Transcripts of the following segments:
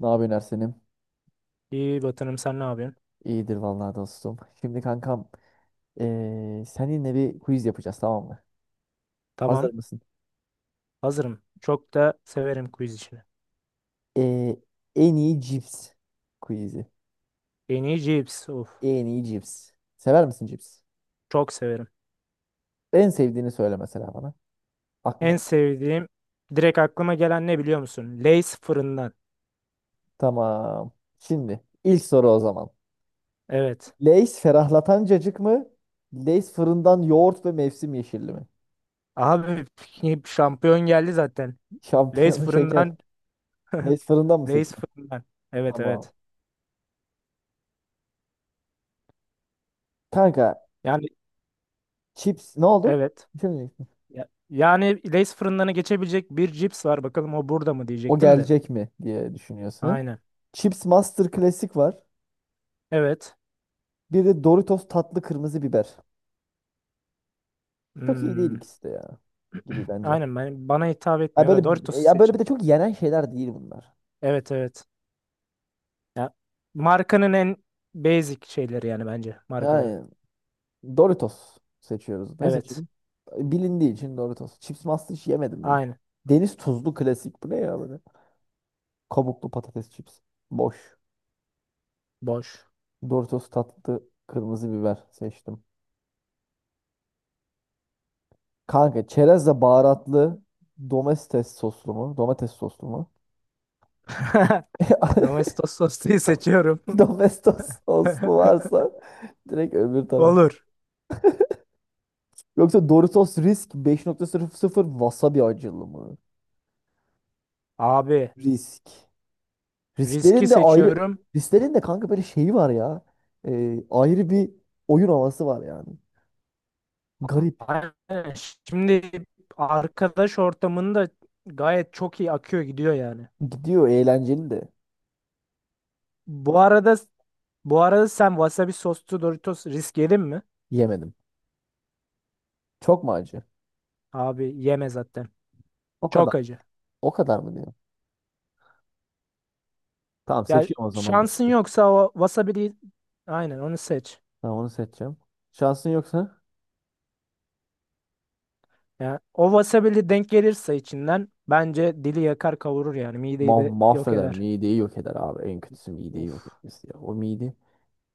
Ne yapıyorsun Ersen'im? İyi Batı'nım, sen ne yapıyorsun? İyidir vallahi dostum. Şimdi kankam seninle bir quiz yapacağız, tamam mı? Tamam. Hazır mısın? Hazırım. Çok da severim quiz işini. Eee, en iyi cips quizi. En iyi cips. Of. En iyi cips. Sever misin cips? Çok severim. En sevdiğini söyle mesela bana. En Aklıma. sevdiğim direkt aklıma gelen ne biliyor musun? Lay's fırından. Tamam. Şimdi ilk soru o zaman. Evet. Lay's ferahlatan cacık mı? Lay's fırından yoğurt ve mevsim yeşilli mi? Abi şampiyon geldi zaten. Lay's Şampiyonu şeker. fırından. Lay's fırından mı Lay's seçiyorsun? fırından. Evet, Tamam. evet. Kanka Yani chips. Ne oldu? evet. Şimdi Yani Lay's fırındanı geçebilecek bir cips var. Bakalım o burada mı o diyecektim de. gelecek mi diye düşünüyorsun. Aynen. Chips Master Klasik var. Evet. Bir de Doritos tatlı kırmızı biber. Çok iyi değil Hmm. ikisi de ya, gibi bence. Aynen, ben, bana hitap Ya etmiyor böyle, da Doritos ya böyle, bir seçin. de çok yenen şeyler değil bunlar. Evet, evet. Ya, markanın en basic şeyleri yani bence markaları. Yani Doritos seçiyoruz. Ne Evet. seçelim? Bilindiği için Doritos. Chips Master hiç yemedim ben. Aynı. Deniz tuzlu klasik. Bu ne ya böyle? Kabuklu patates chips. Boş. Boş. Doritos tatlı kırmızı biber seçtim. Kanka çerezle baharatlı domates soslu mu? Domates soslu mu? Domestos sosluyu seçiyorum. Domestos soslu varsa direkt öbür taraf. Olur. Yoksa Doritos Risk 5.00 wasabi acılı mı? Abi Risk. riski Risklerin de ayrı, seçiyorum. risklerin de kanka böyle şeyi var ya. Ayrı bir oyun havası var yani. Garip. Aynen. Şimdi arkadaş ortamında gayet çok iyi akıyor, gidiyor yani. Gidiyor, eğlenceli de. Bu arada, bu arada sen wasabi soslu Doritos risk yedin mi? Yemedim. Çok mu acı? Abi yeme zaten. O kadar. Çok acı. O kadar mı diyor? Tamam, Ya seçiyorum o zaman. şansın Doritos. yoksa o wasabi'yi, aynen onu seç. Tamam, onu seçeceğim. Şansın yoksa Ya o wasabili denk gelirse içinden bence dili yakar kavurur yani mideyi de yok mahveder. eder. Mideyi yok eder abi. En kötüsü mideyi Of. yok etmesi ya. O mide.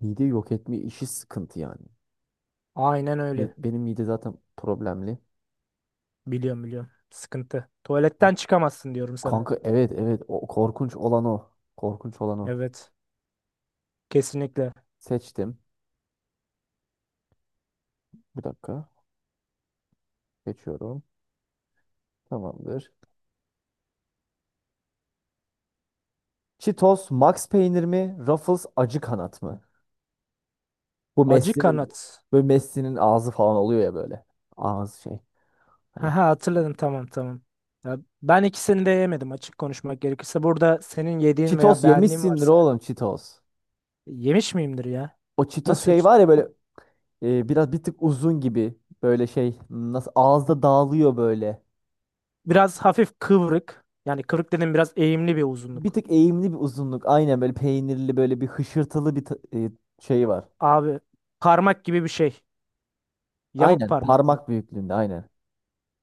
Mide yok etme işi sıkıntı yani. Aynen öyle. Benim mide zaten problemli. Biliyorum, biliyorum. Sıkıntı. Ha, Tuvaletten çıkamazsın diyorum sana. kanka, evet evet, o korkunç olan o. Korkunç olan o. Evet. Kesinlikle. Seçtim. Bir dakika. Geçiyorum. Tamamdır. Cheetos Max peynir mi? Ruffles acı kanat mı? Bu Acı Messi'nin kanat. böyle, Messi'nin ağzı falan oluyor ya böyle. Ağzı şey. Hani Haha, hatırladım, tamam, tamam. Ya ben ikisini de yemedim açık konuşmak gerekirse. Burada senin yediğin veya Cheetos beğendiğin yemişsindir varsa oğlum, Cheetos. yemiş miyimdir ya? O Cheetos Nasıl şey var çıktı? ya böyle, biraz bir tık uzun gibi. Böyle şey nasıl ağızda dağılıyor böyle. Biraz hafif kıvrık. Yani kıvrık dedim, biraz eğimli bir Bir uzunluk. tık eğimli bir uzunluk. Aynen, böyle peynirli böyle bir hışırtılı bir şey var. Abi parmak gibi bir şey. Yamuk Aynen parmak mı? parmak büyüklüğünde, aynen.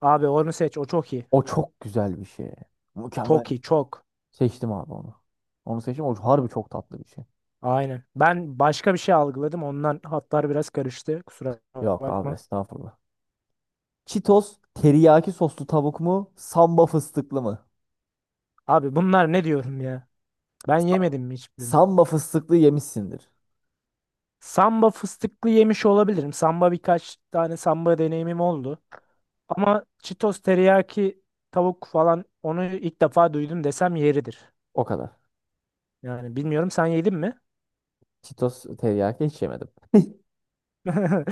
Abi onu seç. O çok iyi. O çok güzel bir şey. Mükemmel. Çok iyi. Çok. Seçtim abi onu. Onu seçtim. O harbi çok tatlı bir şey. Aynen. Ben başka bir şey algıladım. Ondan hatlar biraz karıştı. Kusura Yok abi, bakma. estağfurullah. Cheetos teriyaki soslu tavuk mu? Samba fıstıklı mı? Abi bunlar ne diyorum ya? Ben Sa- yemedim mi hiçbirini? Samba fıstıklı yemişsindir. Samba fıstıklı yemiş olabilirim. Samba, birkaç tane samba deneyimim oldu. Ama Cheetos teriyaki tavuk falan, onu ilk defa duydum desem yeridir. O kadar. Yani bilmiyorum, sen yedin mi? Cheetos teriyaki hiç yemedim.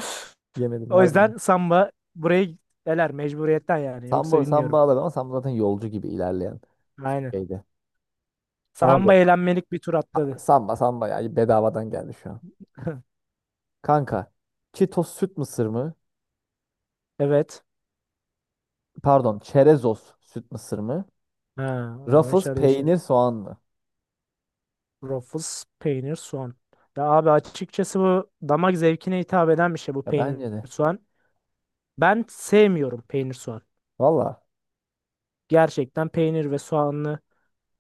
Yemedim O harbi. yüzden samba burayı eler mecburiyetten yani. Yoksa Samba, samba bilmiyorum. alırım ama samba zaten yolcu gibi ilerleyen Aynen. şeydi. Abi, Samba eğlenmelik bir tur ha, atladı. samba samba ya, bedavadan geldi şu an. Kanka Cheetos süt mısır mı? Evet. Pardon, Çerezos süt mısır mı? Ha, o zaman Ruffles işler değişir. peynir soğan mı? Ruffles, peynir, soğan. Ya abi açıkçası bu damak zevkine hitap eden bir şey, bu Ya peynir bence de. soğan. Ben sevmiyorum peynir soğan. Valla. Gerçekten peynir ve soğanlı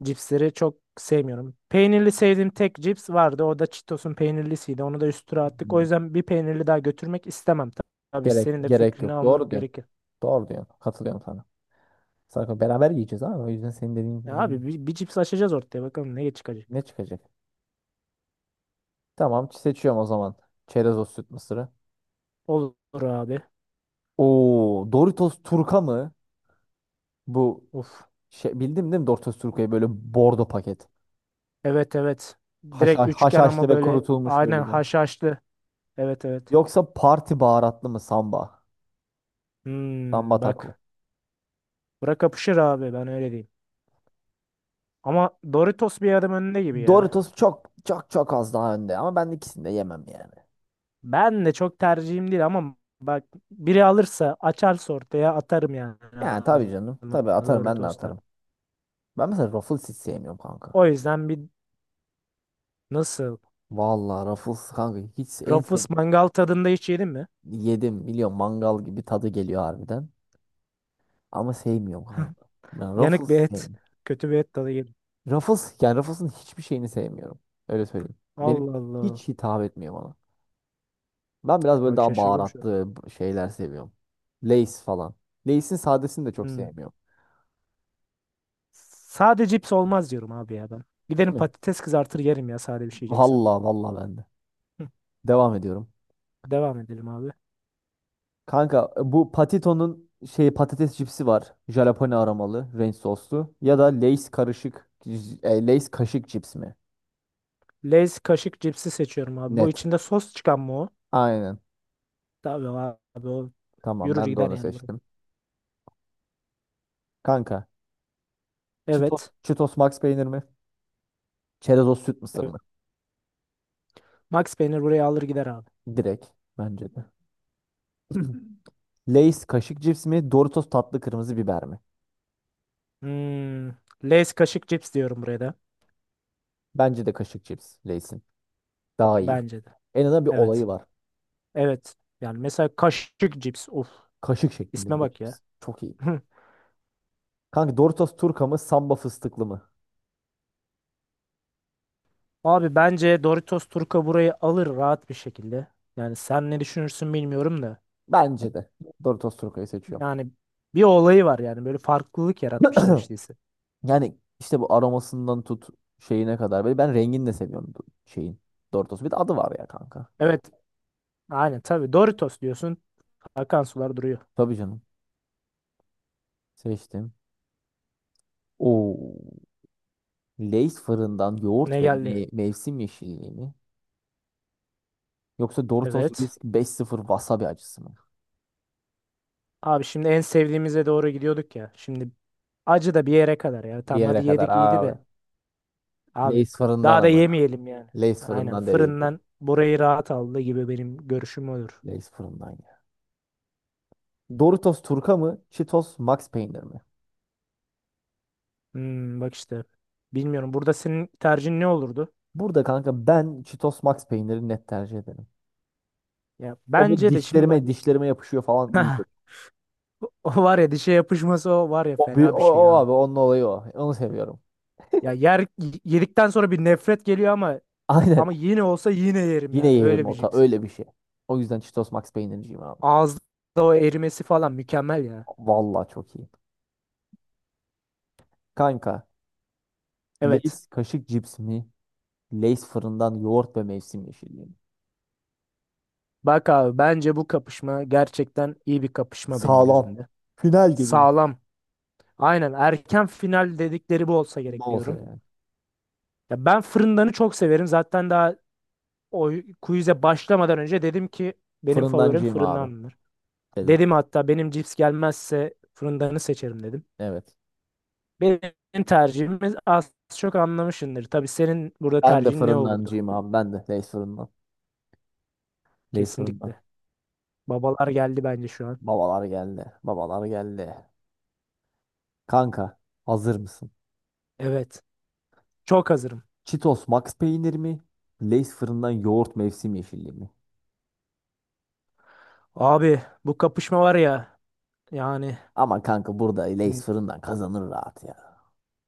cipsleri çok sevmiyorum. Peynirli sevdiğim tek cips vardı. O da Cheetos'un peynirlisiydi. Onu da üstüne attık. O Hmm. yüzden bir peynirli daha götürmek istemem. Tabii gerek senin de gerek fikrini yok. Doğru almak diyorsun. gerekir. Doğru diyorsun. Katılıyorum sana. Sarko beraber yiyeceğiz ama o yüzden senin dediğin Ya gibi ben- abi bir cips açacağız ortaya. Bakalım ne çıkacak. ne çıkacak? Tamam, seçiyorum o zaman. Çerezos süt mısırı. Olur abi. Oo, Doritos Turka mı? Bu Of. şey bildim değil mi, Doritos Turka'yı, böyle bordo paket. Evet, evet. Direkt Haşa, üçgen haşhaşlı ama ve böyle kurutulmuş aynen böyle. haşhaşlı. Evet, evet. Yoksa parti baharatlı mı samba? Samba Hmm, taco. bak. Bura kapışır abi, ben öyle diyeyim. Ama Doritos bir adım önünde gibi ya. Doritos çok çok çok az daha önde ama ben ikisini de yemem yani. Ben de çok tercihim değil ama bak, biri alırsa açarsa ortaya atarım yani Yani tabii canım. ağzıma Tabii atarım, ben de Doritos'tan. atarım. Ben mesela Ruffles hiç sevmiyorum kanka. O yüzden bir, nasıl? Vallahi Ruffles kanka hiç en sev Ruffles mangal tadında hiç yedin mi? yedim, biliyorum, mangal gibi tadı geliyor harbiden. Ama sevmiyorum kanka. Ben Yanık Ruffles bir et. sevmiyorum. Kötü bir et tadı yedim. Ruffles, yani Ruffles'ın hiçbir şeyini sevmiyorum. Öyle söyleyeyim. Benim Allah Allah. hiç hitap etmiyor bana. Ben biraz böyle Bak, daha şaşırdım şu an. baharatlı şeyler seviyorum. Lay's falan. Lay's'in sadesini de çok Hmm. sevmiyorum. Sade cips olmaz diyorum abi ya ben. Değil Gidelim mi? patates kızartır yerim ya sade bir şey yiyeceksem. Valla valla, ben de. Hı, Devam ediyorum. devam edelim abi. Kanka, bu Patito'nun şey patates cipsi var. Jalapeno aromalı, ranch soslu. Ya da Lay's karışık, Lay's kaşık cips mi? Lay's kaşık cipsi seçiyorum abi. Bu Net. içinde sos çıkan mı o? Aynen. Tabii abi, o Tamam, yürür ben de gider onu yani buraya. seçtim. Kanka Evet. Cheetos Max peynir mi? Çerezos süt mısır Evet. mı? Max peynir buraya alır gider abi. Direkt bence de. Lay's kaşık cips mi? Doritos tatlı kırmızı biber mi? Hmm. Lay's kaşık cips diyorum buraya da. Bence de kaşık cips Lay's'in. Daha iyi. Bence de. En azından bir olayı Evet. var. Evet. Yani mesela kaşık cips. Of. Kaşık şeklinde İsme bir de bak ya. cips. Çok iyi. Hı. Kanka Doritos Turka mı, Samba fıstıklı mı? Abi bence Doritos Turka burayı alır rahat bir şekilde. Yani sen ne düşünürsün bilmiyorum da. Bence de. Doritos Turka'yı seçiyorum. Yani bir olayı var yani, böyle farklılık yaratmışlar işte ise. Yani işte bu aromasından tut, şeyine kadar. Böyle, ben rengini de seviyorum bu şeyin. Doritos. Bir de adı var ya kanka. Evet, aynen, tabii Doritos diyorsun akan sular duruyor. Tabii canım. Seçtim. Oo. Lay's fırından yoğurt Ne ve geldi? Mevsim yeşilliği mi? Yoksa Doritos Evet. Risk 5-0 wasabi acısı mı? Abi şimdi en sevdiğimize doğru gidiyorduk ya. Şimdi acı da bir yere kadar ya. Bir Tamam, hadi yere kadar yedik iyiydi de. abi. Abi Lay's fırından daha da ama. yemeyelim yani. Lay's Aynen, fırından dediğim gibi. fırından burayı rahat aldı gibi, benim görüşüm olur. Lay's fırından ya. Doritos Turka mı? Cheetos Max Peynir mi? Hmm, bak işte. Bilmiyorum, burada senin tercihin ne olurdu? Burada kanka ben Cheetos Max Peynir'i net tercih ederim. Ya O böyle bence de, şimdi bak, dişlerime dişlerime yapışıyor falan, iyi geliyor. o var ya, dişe yapışması, o var ya fena bir O, şey o abi. abi, onun olayı o. Onu seviyorum. Ya yer Yedikten sonra bir nefret geliyor ama Aynen. ama yine olsa yine yerim Yine yani yerim, öyle bir ota cips. öyle bir şey. O yüzden Cheetos Max Peynirciyim abi. Ağızda o erimesi falan mükemmel ya. Vallahi çok iyi. Kanka Evet. Lay's kaşık cips mi? Lay's fırından yoğurt ve mevsim yeşilliği mi? Bak abi, bence bu kapışma gerçekten iyi bir kapışma benim Sağlam. gözümde. Final gibi bir şey. Sağlam. Aynen, erken final dedikleri bu olsa gerek Bol diyorum. yani. Ya ben fırındanı çok severim. Zaten daha o quiz'e başlamadan önce dedim ki benim favorim Fırındancıyım abi, fırındandır. dedim. Dedim hatta, benim cips gelmezse fırındanı seçerim dedim. Evet. Benim tercihimiz az çok anlamışsındır. Tabii senin burada Ben de tercihin ne olurdu? fırındancıyım abi. Ben de Lays fırından. Lays fırından. Kesinlikle. Babalar geldi bence şu an. Babalar geldi. Babalar geldi. Kanka, hazır mısın? Evet. Çok hazırım. Cheetos Max peynir mi? Lays fırından yoğurt mevsim yeşilliği mi? Abi bu kapışma var ya yani, Ama kanka burada Lays hı, fırından kazanır rahat ya.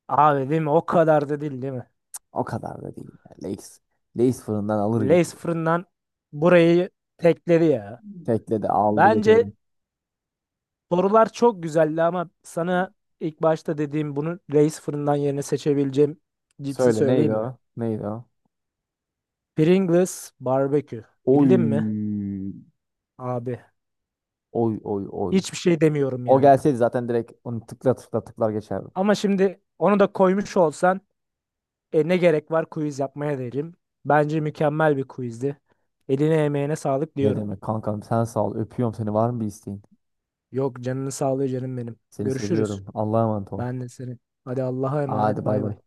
abi değil mi? O kadar da değil değil mi? O kadar da değil. Ya. Lays fırından alır gibi. Lays fırından burayı tekledi ya. Tekle de aldı Bence götürdüm. sorular çok güzeldi ama sana ilk başta dediğim, bunu Lays fırından yerine seçebileceğim cipsi Söyle, söyleyeyim neydi mi? o? Neydi o? Pringles barbekü. Oy. Bildin mi? Abi Oy oy oy. hiçbir şey demiyorum O yani. gelseydi zaten direkt onu tıkla tıkla tıklar geçerdim. Ama şimdi onu da koymuş olsan ne gerek var quiz yapmaya derim. Bence mükemmel bir quizdi. Eline emeğine sağlık Ne diyorum. demek kankam, sen sağ ol. Öpüyorum seni. Var mı bir isteğin? Yok canını sağlığı canım benim. Seni Görüşürüz. seviyorum. Allah'a emanet ol. Ben de senin. Hadi Allah'a Hadi emanet, bay bay bay. bay.